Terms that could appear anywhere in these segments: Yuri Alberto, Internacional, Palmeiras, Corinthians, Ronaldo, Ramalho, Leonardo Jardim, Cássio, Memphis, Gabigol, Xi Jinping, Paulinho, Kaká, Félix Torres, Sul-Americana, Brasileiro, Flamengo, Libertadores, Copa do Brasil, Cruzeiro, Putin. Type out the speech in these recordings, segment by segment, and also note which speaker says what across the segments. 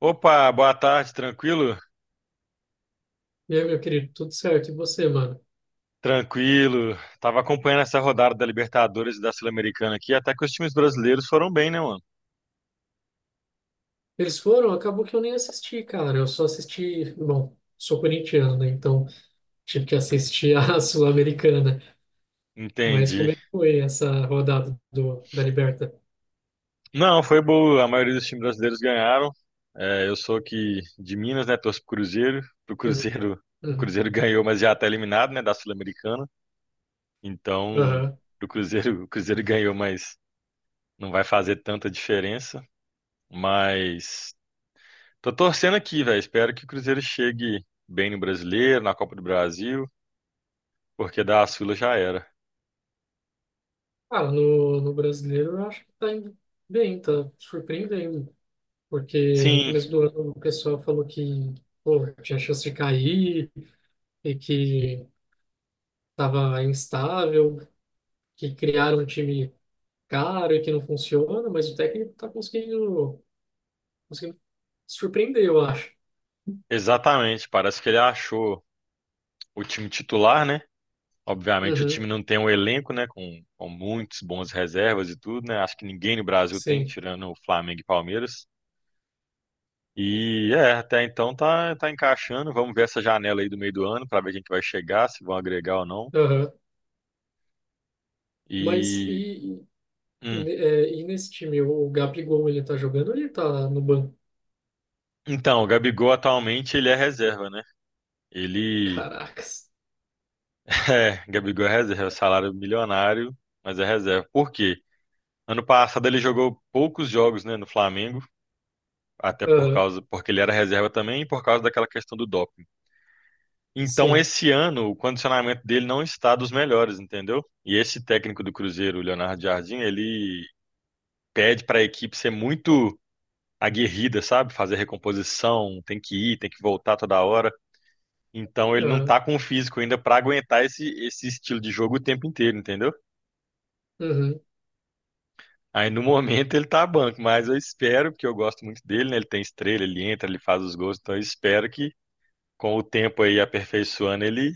Speaker 1: Opa, boa tarde, tranquilo?
Speaker 2: E aí, meu querido, tudo certo? E você, mano?
Speaker 1: Tranquilo. Tava acompanhando essa rodada da Libertadores e da Sul-Americana aqui, até que os times brasileiros foram bem, né, mano?
Speaker 2: Eles foram, acabou que eu nem assisti, cara. Eu só assisti, bom, sou corintiano, né? Então tive que assistir a Sul-Americana. Mas como
Speaker 1: Entendi.
Speaker 2: é que foi essa rodada da Liberta?
Speaker 1: Não, foi boa. A maioria dos times brasileiros ganharam. É, eu sou aqui de Minas, né? Torço pro Cruzeiro. Pro
Speaker 2: Uhum,
Speaker 1: Cruzeiro, o
Speaker 2: uhum,
Speaker 1: Cruzeiro ganhou, mas já tá eliminado, né, da Sul-Americana. Então,
Speaker 2: aham.
Speaker 1: pro Cruzeiro, o Cruzeiro ganhou, mas não vai fazer tanta diferença. Mas tô torcendo aqui, velho. Espero que o Cruzeiro chegue bem no Brasileiro, na Copa do Brasil, porque das filas já era.
Speaker 2: Ah, no brasileiro eu acho que tá indo bem, tá surpreendendo. Porque no
Speaker 1: Sim,
Speaker 2: começo do ano o pessoal falou que, pô, tinha chance de cair e que tava instável, que criaram um time cara que não funciona, mas o técnico tá conseguindo surpreender, eu acho.
Speaker 1: exatamente. Parece que ele achou o time titular, né? Obviamente o time
Speaker 2: Uhum,
Speaker 1: não tem um elenco, né? Com muitos bons reservas e tudo, né? Acho que ninguém no Brasil tem,
Speaker 2: sim.
Speaker 1: tirando o Flamengo e Palmeiras. E é, até então tá, tá encaixando. Vamos ver essa janela aí do meio do ano para ver quem que vai chegar, se vão agregar ou não.
Speaker 2: Aham. Mas
Speaker 1: E
Speaker 2: e, e,
Speaker 1: hum,
Speaker 2: é, e nesse time, o Gabigol, ele tá jogando ou ele tá no banco?
Speaker 1: então, o Gabigol atualmente ele é reserva, né? Ele
Speaker 2: Caracas.
Speaker 1: é, Gabigol é reserva, é salário milionário, mas é reserva. Por quê? Ano passado ele jogou poucos jogos, né, no Flamengo, até por
Speaker 2: Aham,
Speaker 1: causa, porque ele era reserva também e por causa daquela questão do doping. Então,
Speaker 2: sim.
Speaker 1: esse ano, o condicionamento dele não está dos melhores, entendeu? E esse técnico do Cruzeiro, o Leonardo Jardim, ele pede para a equipe ser muito aguerrida, sabe? Fazer recomposição, tem que ir, tem que voltar toda hora. Então, ele não
Speaker 2: Aham,
Speaker 1: tá com o físico ainda para aguentar esse estilo de jogo o tempo inteiro, entendeu?
Speaker 2: uhum,
Speaker 1: Aí no momento ele tá banco, mas eu espero, porque eu gosto muito dele, né? Ele tem estrela, ele entra, ele faz os gols, então eu espero que com o tempo aí aperfeiçoando ele,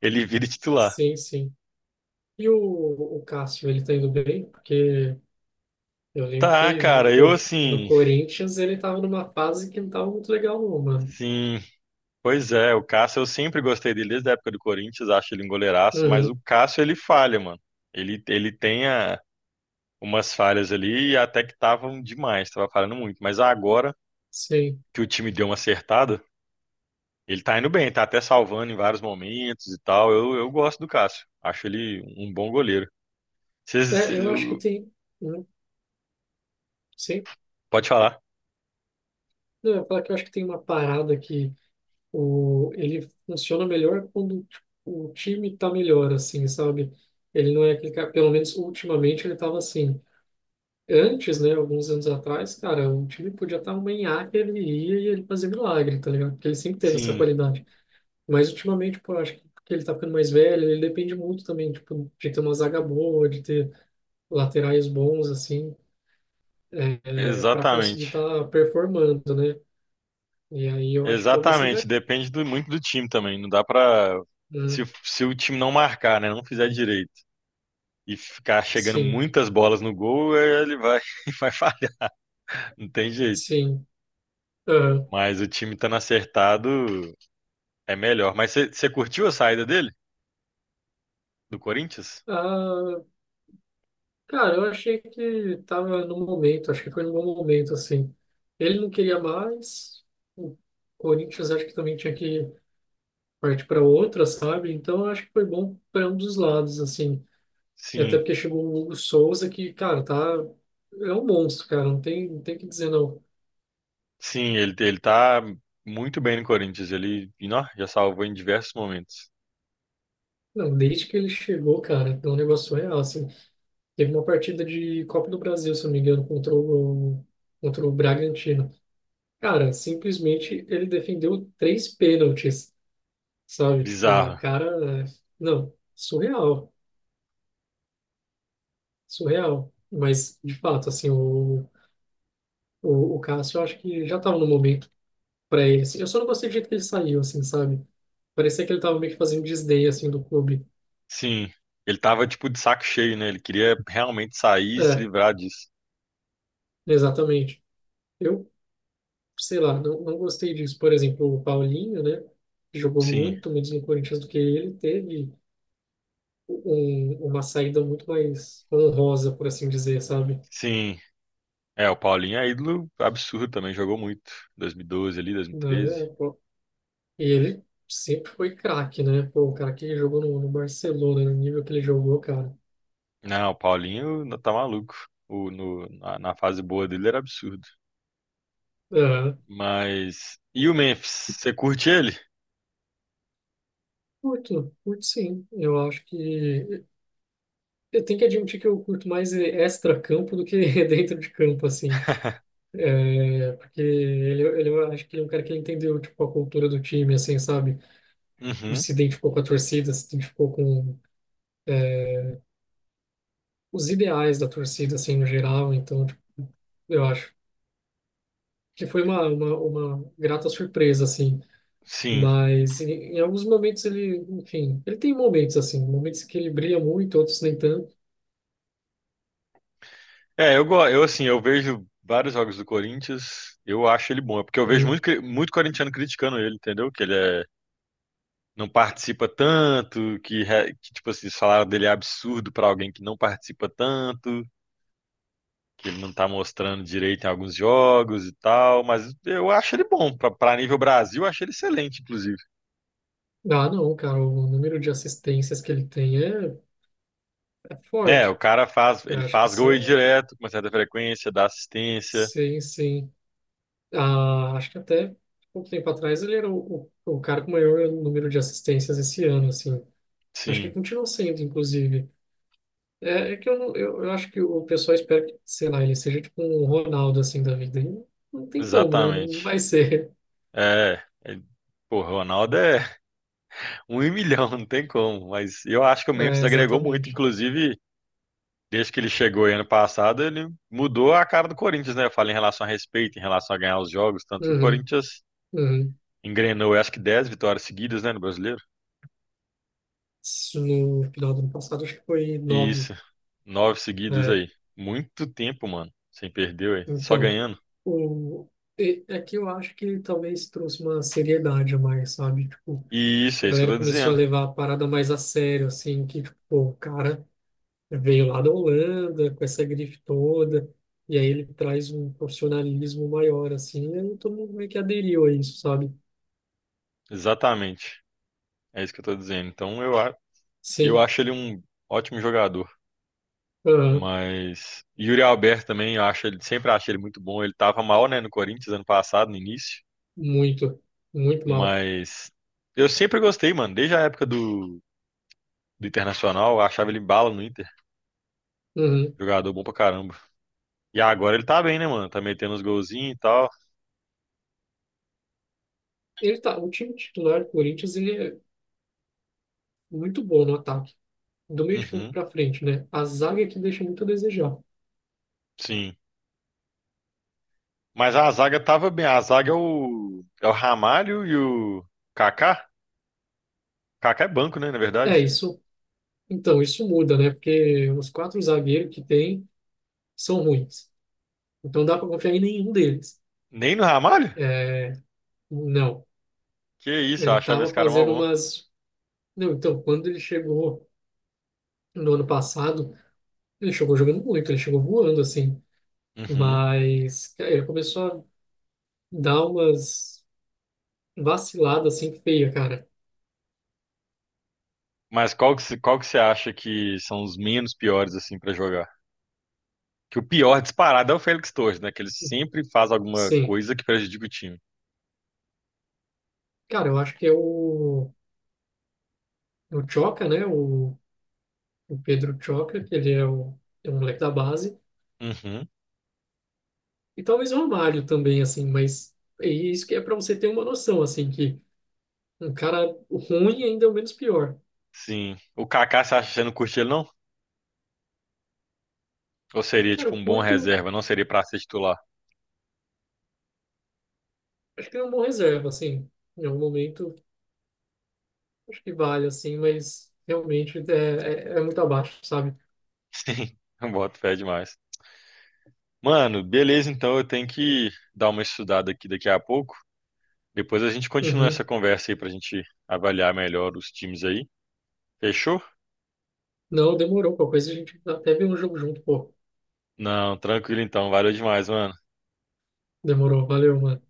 Speaker 1: ele vire titular.
Speaker 2: sim, sim. E o Cássio, ele tá indo bem? Porque eu lembro
Speaker 1: Tá,
Speaker 2: que,
Speaker 1: cara, eu
Speaker 2: pô, no
Speaker 1: assim,
Speaker 2: Corinthians ele tava numa fase que não tava muito legal, não, mano.
Speaker 1: sim, pois é, o Cássio eu sempre gostei dele desde a época do Corinthians, acho ele um goleiraço, mas o
Speaker 2: Uhum,
Speaker 1: Cássio ele falha, mano. Ele tem umas falhas ali e até que estavam demais, tava falhando muito, mas agora
Speaker 2: sim.
Speaker 1: que o time deu uma acertada, ele tá indo bem, tá até salvando em vários momentos e tal. Eu gosto do Cássio. Acho ele um bom goleiro. Vocês,
Speaker 2: É,
Speaker 1: vocês-
Speaker 2: eu acho que
Speaker 1: eu-
Speaker 2: tem... Uhum, sim.
Speaker 1: pode falar?
Speaker 2: Não, eu ia falar que eu acho que tem uma parada que ele funciona melhor quando tipo, o time tá melhor, assim, sabe? Ele não é aquele cara, pelo menos ultimamente ele tava assim. Antes, né, alguns anos atrás, cara, o time podia estar uma nhaca, ele ia e ele fazia milagre, tá ligado? Porque ele sempre teve essa
Speaker 1: Sim,
Speaker 2: qualidade. Mas ultimamente, pô, eu acho que porque ele tá ficando mais velho, ele depende muito também, tipo, de ter uma zaga boa, de ter laterais bons, assim, é, para conseguir
Speaker 1: exatamente.
Speaker 2: estar tá performando, né? E aí eu acho que talvez
Speaker 1: Exatamente.
Speaker 2: seja.
Speaker 1: Muito do time também. Não dá pra. Se,
Speaker 2: Uhum.
Speaker 1: se o time não marcar, né? Não fizer direito e ficar chegando
Speaker 2: Sim,
Speaker 1: muitas bolas no gol, ele vai, vai falhar. Não tem jeito.
Speaker 2: sim. Aham.
Speaker 1: Mas o time estando acertado é melhor. Mas você curtiu a saída dele? Do Corinthians?
Speaker 2: Ah, cara, eu achei que tava no momento, acho que foi no bom momento, assim. Ele não queria mais, o Corinthians acho que também tinha que partir para outra, sabe? Então eu acho que foi bom para um dos lados, assim. E até
Speaker 1: Sim.
Speaker 2: porque chegou o Hugo Souza, que, cara, tá. É um monstro, cara, não tem, não tem o que dizer, não.
Speaker 1: Sim, ele tá muito bem no Corinthians. Ele, e, nó, já salvou em diversos momentos.
Speaker 2: Não, desde que ele chegou, cara, é um negócio real, assim. Teve uma partida de Copa do Brasil, se eu não me engano, contra o Bragantino. Cara, simplesmente ele defendeu três pênaltis, sabe? Tipo, o
Speaker 1: Bizarro.
Speaker 2: cara, é. Não, surreal, surreal. Mas, de fato, assim, o Cássio, eu acho que já tava no momento pra ele, assim. Eu só não gostei do jeito que ele saiu, assim, sabe? Parecia que ele tava meio que fazendo desdém, assim, do clube.
Speaker 1: Sim. Ele tava tipo de saco cheio, né? Ele queria realmente sair e se
Speaker 2: É,
Speaker 1: livrar disso.
Speaker 2: exatamente. Eu, sei lá, não, não gostei disso. Por exemplo, o Paulinho, né? Jogou
Speaker 1: Sim,
Speaker 2: muito menos no Corinthians do que ele, teve uma saída muito mais honrosa, por assim dizer, sabe?
Speaker 1: sim. É, o Paulinho é ídolo absurdo também, jogou muito. 2012 ali, 2013.
Speaker 2: Né? Pô, e ele sempre foi craque, né? Pô, o cara que jogou no Barcelona, no nível que ele jogou, cara.
Speaker 1: Não, o Paulinho não tá maluco. O, no, na, na fase boa dele era absurdo.
Speaker 2: É,
Speaker 1: Mas e o Memphis? Você curte ele?
Speaker 2: curto, curto sim. Eu acho que. Eu tenho que admitir que eu curto mais extra-campo do que dentro de campo, assim. É, porque eu acho que ele é um cara que entendeu, tipo, a cultura do time, assim, sabe? O
Speaker 1: Uhum.
Speaker 2: se identificou com a torcida, se identificou com é, os ideais da torcida, assim, no geral. Então, tipo, eu acho que foi uma grata surpresa, assim.
Speaker 1: Sim.
Speaker 2: Mas em alguns momentos ele, enfim, ele tem momentos assim, momentos que ele brilha muito, outros nem tanto,
Speaker 1: Eu assim, eu vejo vários jogos do Corinthians, eu acho ele bom, é porque eu vejo
Speaker 2: né?
Speaker 1: muito, muito corintiano criticando ele, entendeu? Que ele é, não participa tanto, que, que tipo assim, o salário dele é absurdo pra alguém que não participa tanto, que ele não tá mostrando direito em alguns jogos e tal, mas eu acho ele bom, pra nível Brasil, eu acho ele excelente, inclusive.
Speaker 2: Ah, não, cara, o número de assistências que ele tem é
Speaker 1: Né, o
Speaker 2: forte.
Speaker 1: cara faz,
Speaker 2: Eu
Speaker 1: ele
Speaker 2: acho que
Speaker 1: faz gol aí
Speaker 2: são,
Speaker 1: direto, com uma certa frequência, dá assistência,
Speaker 2: sim, sim. Ah, acho que até pouco tempo atrás ele era o cara com o maior número de assistências esse ano, assim. Acho que
Speaker 1: sim,
Speaker 2: continua sendo, inclusive. É, é que eu, não- eu acho que o pessoal espera que, sei lá, ele seja tipo um Ronaldo, assim, da vida. E não tem como, né? Não
Speaker 1: exatamente.
Speaker 2: vai ser.
Speaker 1: É, é, pô, Ronaldo é um em milhão, não tem como. Mas eu acho que o Memphis
Speaker 2: É,
Speaker 1: agregou muito.
Speaker 2: exatamente.
Speaker 1: Inclusive, desde que ele chegou aí ano passado, ele mudou a cara do Corinthians, né? Eu falo em relação a respeito, em relação a ganhar os jogos. Tanto que o
Speaker 2: Uhum,
Speaker 1: Corinthians
Speaker 2: uhum.
Speaker 1: engrenou, eu acho que 10 vitórias seguidas, né, no brasileiro.
Speaker 2: Isso no final do ano passado, acho que foi
Speaker 1: E
Speaker 2: nove.
Speaker 1: isso, 9 seguidas
Speaker 2: É,
Speaker 1: aí. Muito tempo, mano, sem perder, ué, só
Speaker 2: então,
Speaker 1: ganhando.
Speaker 2: o, e- é que eu acho que talvez trouxe uma seriedade a mais, sabe? Tipo,
Speaker 1: E isso,
Speaker 2: a
Speaker 1: é isso que eu
Speaker 2: galera
Speaker 1: tô
Speaker 2: começou
Speaker 1: dizendo.
Speaker 2: a levar a parada mais a sério, assim, que, tipo, pô, o cara veio lá da Holanda com essa grife toda, e aí ele traz um profissionalismo maior, assim, e aí todo mundo meio que aderiu a isso, sabe?
Speaker 1: Exatamente. É isso que eu tô dizendo. Eu
Speaker 2: Sim,
Speaker 1: acho ele um ótimo jogador.
Speaker 2: aham,
Speaker 1: Mas Yuri Alberto também, eu acho ele, sempre achei ele muito bom. Ele tava mal, né, no Corinthians ano passado, no início.
Speaker 2: muito, muito mal.
Speaker 1: Mas eu sempre gostei, mano, desde a época do Internacional, eu achava ele bala no Inter.
Speaker 2: Uhum.
Speaker 1: Jogador bom pra caramba. E agora ele tá bem, né, mano? Tá metendo uns golzinhos e tal.
Speaker 2: Ele tá, o time titular do Corinthians, ele é muito bom no ataque. Do meio de campo
Speaker 1: Uhum,
Speaker 2: para frente, né? A zaga é que deixa muito a desejar.
Speaker 1: sim. Mas a zaga tava bem. A zaga é o Ramalho e o Kaká. Kaká é banco, né, na
Speaker 2: É
Speaker 1: verdade.
Speaker 2: isso. Então, isso muda, né? Porque os quatro zagueiros que tem são ruins. Então, dá para confiar em nenhum deles.
Speaker 1: Nem no Ramalho?
Speaker 2: É, não.
Speaker 1: Que isso, eu
Speaker 2: Ele
Speaker 1: achava esse
Speaker 2: estava
Speaker 1: cara mó
Speaker 2: fazendo
Speaker 1: bom.
Speaker 2: umas. Não, então, quando ele chegou no ano passado, ele chegou jogando muito, ele chegou voando, assim.
Speaker 1: Uhum.
Speaker 2: Mas cara, ele começou a dar umas vaciladas, assim, feia, cara.
Speaker 1: Mas qual que você acha que são os menos piores, assim, pra jogar? Que o pior disparado é o Félix Torres, né? Que ele sempre faz alguma
Speaker 2: Sim.
Speaker 1: coisa que prejudica o time.
Speaker 2: Cara, eu acho que é o. O Choca, né? O Pedro Choca, que ele é, o, é um moleque da base,
Speaker 1: Uhum,
Speaker 2: e talvez o Romário também, assim, mas é isso que é para você ter uma noção, assim, que um cara ruim ainda é o menos pior.
Speaker 1: sim. O Kaká, você acha que você não curte ele, não? Ou seria,
Speaker 2: Cara,
Speaker 1: tipo,
Speaker 2: o
Speaker 1: um bom
Speaker 2: Curto,
Speaker 1: reserva? Não seria pra ser titular?
Speaker 2: acho que é um bom reserva, assim, em algum momento, acho que vale, assim, mas realmente é muito abaixo, sabe?
Speaker 1: Sim, eu boto fé demais. Mano, beleza, então eu tenho que dar uma estudada aqui daqui a pouco. Depois a gente continua essa
Speaker 2: Uhum.
Speaker 1: conversa aí pra gente avaliar melhor os times aí. Fechou?
Speaker 2: Não, demorou, qualquer coisa a gente até vê um jogo junto, pô.
Speaker 1: Não, tranquilo então. Valeu demais, mano.
Speaker 2: Demorou, valeu, mano.